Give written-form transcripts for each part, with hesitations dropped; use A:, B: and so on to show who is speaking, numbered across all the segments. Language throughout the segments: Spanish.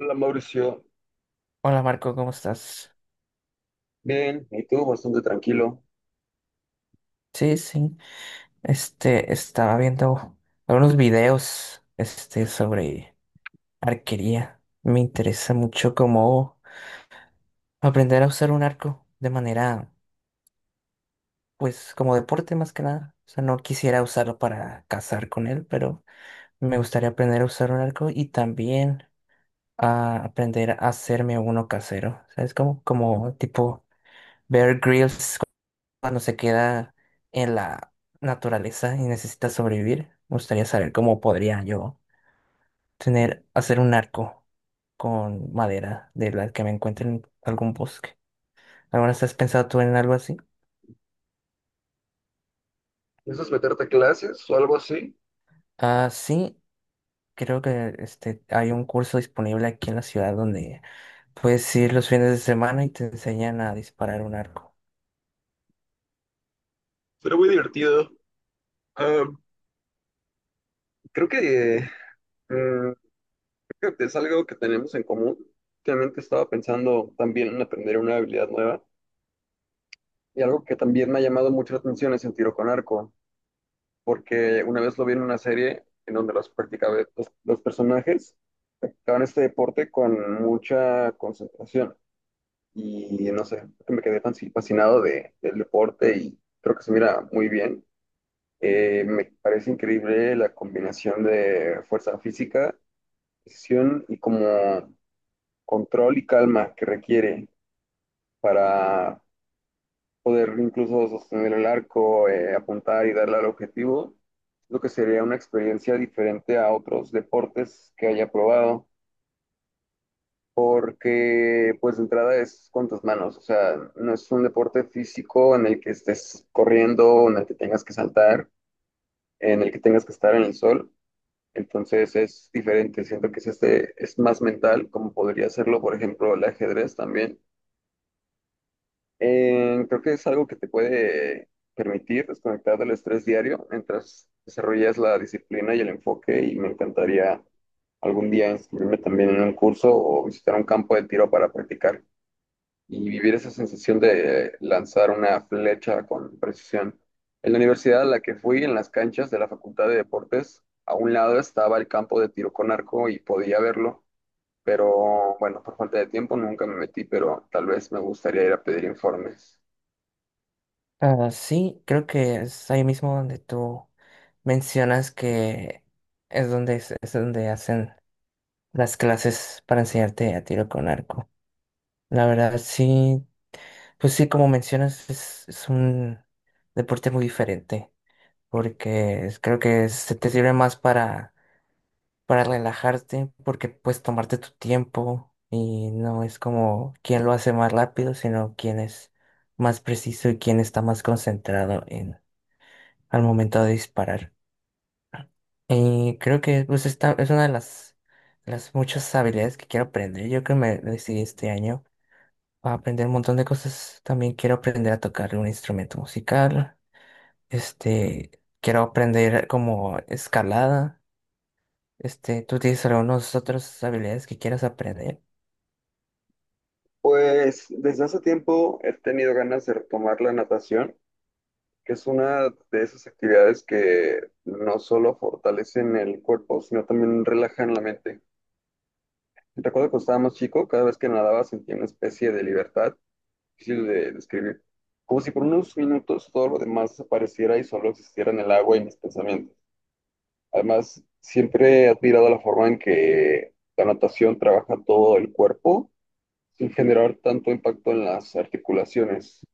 A: Hola Mauricio,
B: Hola Marco, ¿cómo estás?
A: bien, y tú bastante tranquilo.
B: Sí, sí. Estaba viendo algunos videos, sobre arquería. Me interesa mucho cómo aprender a usar un arco de manera, pues, como deporte más que nada. O sea, no quisiera usarlo para cazar con él, pero me gustaría aprender a usar un arco y también a aprender a hacerme uno casero. ¿Sabes? Como tipo Bear Grylls cuando se queda en la naturaleza y necesita sobrevivir. Me gustaría saber cómo podría yo hacer un arco con madera de la que me encuentre en algún bosque. ¿Alguna vez has pensado tú en algo así?
A: ¿Piensas meterte a clases o algo así?
B: Ah, sí, creo que hay un curso disponible aquí en la ciudad donde puedes ir los fines de semana y te enseñan a disparar un arco.
A: Pero muy divertido. Ah, creo que, eh, creo que es algo que tenemos en común. Últimamente estaba pensando también en aprender una habilidad nueva y algo que también me ha llamado mucho la atención es el tiro con arco, porque una vez lo vi en una serie en donde los personajes practicaban este deporte con mucha concentración. Y no sé, me quedé fascinado del deporte y creo que se mira muy bien. Me parece increíble la combinación de fuerza física, decisión y como control y calma que requiere para poder incluso sostener el arco, apuntar y darle al objetivo. Lo que sería una experiencia diferente a otros deportes que haya probado, porque pues de entrada es con tus manos. O sea, no es un deporte físico en el que estés corriendo, en el que tengas que saltar, en el que tengas que estar en el sol. Entonces es diferente, siento que es, es más mental, como podría hacerlo, por ejemplo, el ajedrez también. Creo que es algo que te puede permitir desconectar del estrés diario mientras desarrollas la disciplina y el enfoque, y me encantaría algún día inscribirme también en un curso o visitar un campo de tiro para practicar y vivir esa sensación de lanzar una flecha con precisión. En la universidad a la que fui, en las canchas de la Facultad de Deportes, a un lado estaba el campo de tiro con arco y podía verlo, pero bueno, por falta de tiempo nunca me metí, pero tal vez me gustaría ir a pedir informes.
B: Ah, sí, creo que es ahí mismo donde tú mencionas que es donde hacen las clases para enseñarte a tiro con arco. La verdad, sí, pues sí, como mencionas, es un deporte muy diferente, porque creo que se te sirve más para, relajarte, porque puedes tomarte tu tiempo y no es como quién lo hace más rápido, sino quién es más preciso y quién está más concentrado en, al momento de disparar. Y creo que, pues, esta es una de las muchas habilidades que quiero aprender. Yo creo que me decidí este año a aprender un montón de cosas. También quiero aprender a tocar un instrumento musical. Este, Quiero aprender como escalada. ¿Tú tienes algunas otras habilidades que quieras aprender?
A: Pues desde hace tiempo he tenido ganas de retomar la natación, que es una de esas actividades que no solo fortalecen el cuerpo, sino también relajan la mente. Recuerdo cuando estaba más chico, cada vez que nadaba sentía una especie de libertad difícil de describir, como si por unos minutos todo lo demás desapareciera y solo existiera en el agua y mis pensamientos. Además, siempre he admirado la forma en que la natación trabaja todo el cuerpo sin generar tanto impacto en las articulaciones.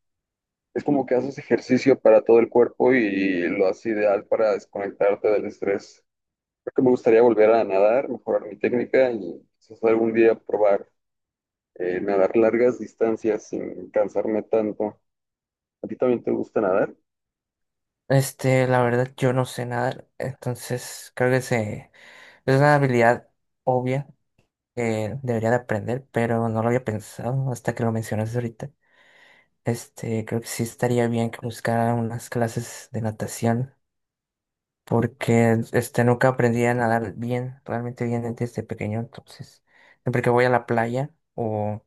A: Es como que haces ejercicio para todo el cuerpo y lo haces ideal para desconectarte del estrés. Creo que me gustaría volver a nadar, mejorar mi técnica y quizás algún día probar, nadar largas distancias sin cansarme tanto. ¿A ti también te gusta nadar?
B: La verdad, yo no sé nadar, entonces creo que es una habilidad obvia que debería de aprender, pero no lo había pensado hasta que lo mencionaste ahorita. Creo que sí estaría bien que buscara unas clases de natación, porque nunca aprendí a nadar bien, realmente bien desde pequeño. Entonces, siempre que voy a la playa o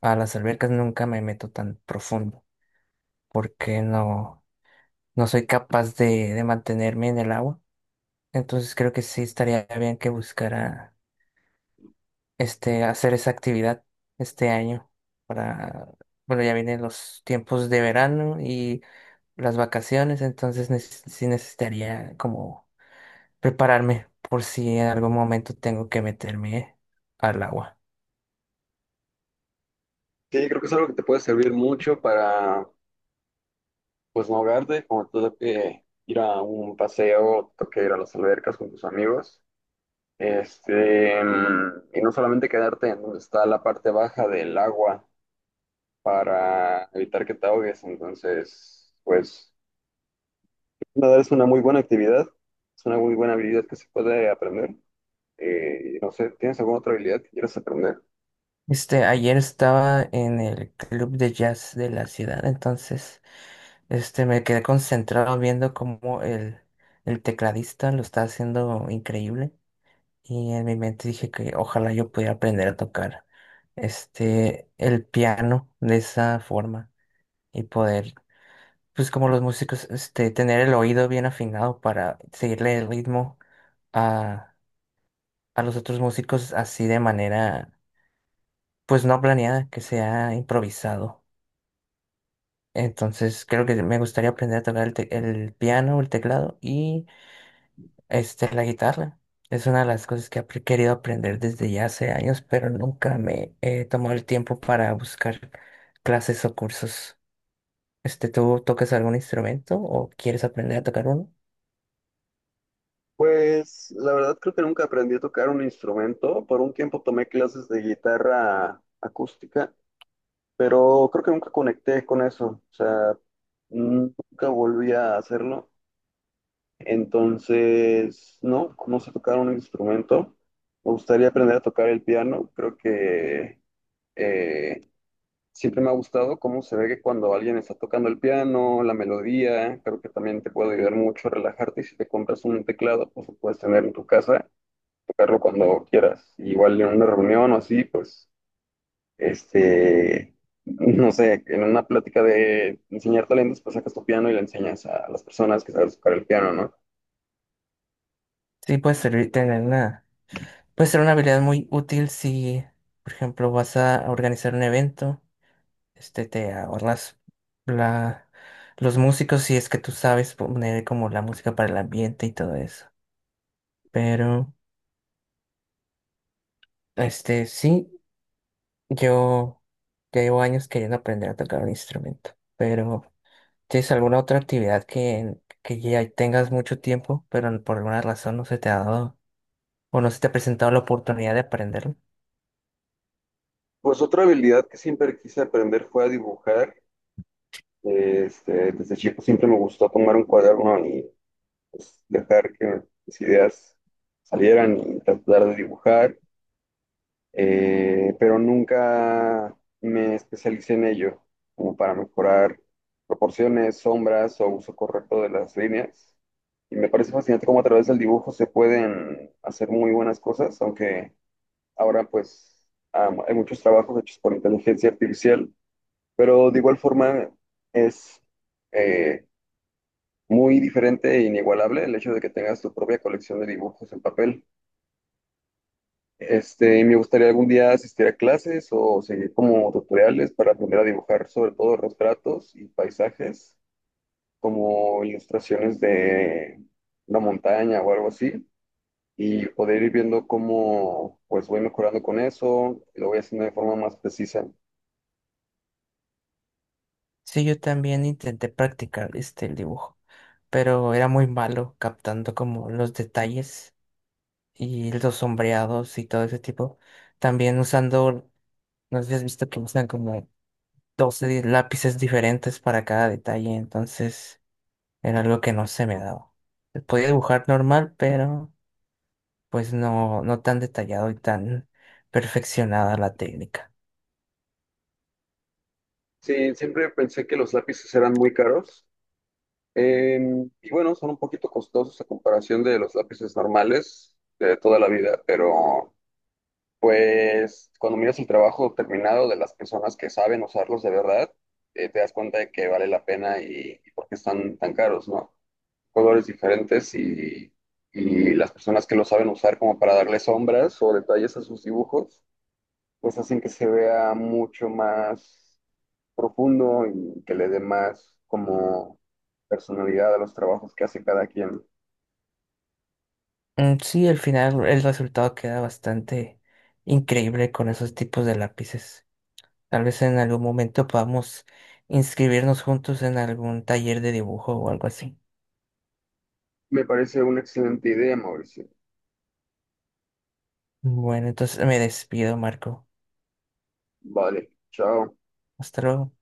B: a las albercas nunca me meto tan profundo, porque no soy capaz de, mantenerme en el agua. Entonces creo que sí estaría bien que buscara hacer esa actividad este año para, bueno, ya vienen los tiempos de verano y las vacaciones, entonces sí necesitaría como prepararme por si en algún momento tengo que meterme al agua.
A: Sí, creo que es algo que te puede servir mucho para, pues, no ahogarte, como te toque ir a un paseo, te toque ir a las albercas con tus amigos. Y no solamente quedarte en donde está la parte baja del agua para evitar que te ahogues. Entonces, pues, nadar es una muy buena actividad, es una muy buena habilidad que se puede aprender. No sé, ¿tienes alguna otra habilidad que quieras aprender?
B: Ayer estaba en el club de jazz de la ciudad, entonces, me quedé concentrado viendo cómo el tecladista lo está haciendo increíble, y en mi mente dije que ojalá yo pudiera aprender a tocar, el piano de esa forma y poder, pues, como los músicos, tener el oído bien afinado para seguirle el ritmo a a los otros músicos, así, de manera, pues, no planeada, que sea improvisado. Entonces creo que me gustaría aprender a tocar el piano, el teclado y, la guitarra. Es una de las cosas que he querido aprender desde ya hace años, pero nunca me he tomado el tiempo para buscar clases o cursos. ¿Tú tocas algún instrumento o quieres aprender a tocar uno?
A: Pues la verdad creo que nunca aprendí a tocar un instrumento. Por un tiempo tomé clases de guitarra acústica, pero creo que nunca conecté con eso. O sea, nunca volví a hacerlo. Entonces, no, no sé tocar un instrumento. Me gustaría aprender a tocar el piano. Creo que eh, siempre me ha gustado cómo se ve que cuando alguien está tocando el piano, la melodía, creo que también te puede ayudar mucho a relajarte. Y si te compras un teclado, pues lo puedes tener en tu casa, tocarlo cuando quieras. Igual en una reunión o así, pues, este, no sé, en una plática de enseñar talentos, pues sacas tu piano y le enseñas a las personas que sabes tocar el piano, ¿no?
B: Sí, puede servir tener una, puede ser una habilidad muy útil si, por ejemplo, vas a organizar un evento, te ahorras la, los músicos si es que tú sabes poner como la música para el ambiente y todo eso. Pero, sí, yo ya llevo años queriendo aprender a tocar un instrumento. Pero, ¿tienes alguna otra actividad que ya tengas mucho tiempo, pero por alguna razón no se te ha dado o no se te ha presentado la oportunidad de aprenderlo?
A: Pues otra habilidad que siempre quise aprender fue a dibujar. Desde chico siempre me gustó tomar un cuaderno y, pues, dejar que mis ideas salieran y tratar de dibujar. Pero nunca me especialicé en ello, como para mejorar proporciones, sombras o uso correcto de las líneas. Y me parece fascinante cómo a través del dibujo se pueden hacer muy buenas cosas, aunque ahora pues hay muchos trabajos hechos por inteligencia artificial, pero de igual forma es, eh, muy diferente e inigualable el hecho de que tengas tu propia colección de dibujos en papel. Y me gustaría algún día asistir a clases o seguir como tutoriales para aprender a dibujar sobre todo retratos y paisajes, como ilustraciones de una montaña o algo así, y poder ir viendo cómo pues voy mejorando con eso, y lo voy haciendo de forma más precisa.
B: Sí, yo también intenté practicar, el dibujo, pero era muy malo captando como los detalles y los sombreados y todo ese tipo. También usando, no sé si has visto que usan como 12 lápices diferentes para cada detalle, entonces era algo que no se me daba. Podía dibujar normal, pero pues no tan detallado y tan perfeccionada la técnica.
A: Sí, siempre pensé que los lápices eran muy caros. Y bueno, son un poquito costosos a comparación de los lápices normales de toda la vida, pero... Pues cuando miras el trabajo terminado de las personas que saben usarlos de verdad, te das cuenta de que vale la pena y por qué están tan caros, ¿no? Colores diferentes y las personas que lo saben usar como para darle sombras o detalles a sus dibujos, pues hacen que se vea mucho más profundo y que le dé más como personalidad a los trabajos que hace cada quien.
B: Mm, sí, al final el resultado queda bastante increíble con esos tipos de lápices. Tal vez en algún momento podamos inscribirnos juntos en algún taller de dibujo o algo así.
A: Me parece una excelente idea, Mauricio.
B: Bueno, entonces me despido, Marco.
A: Vale, chao.
B: Hasta luego.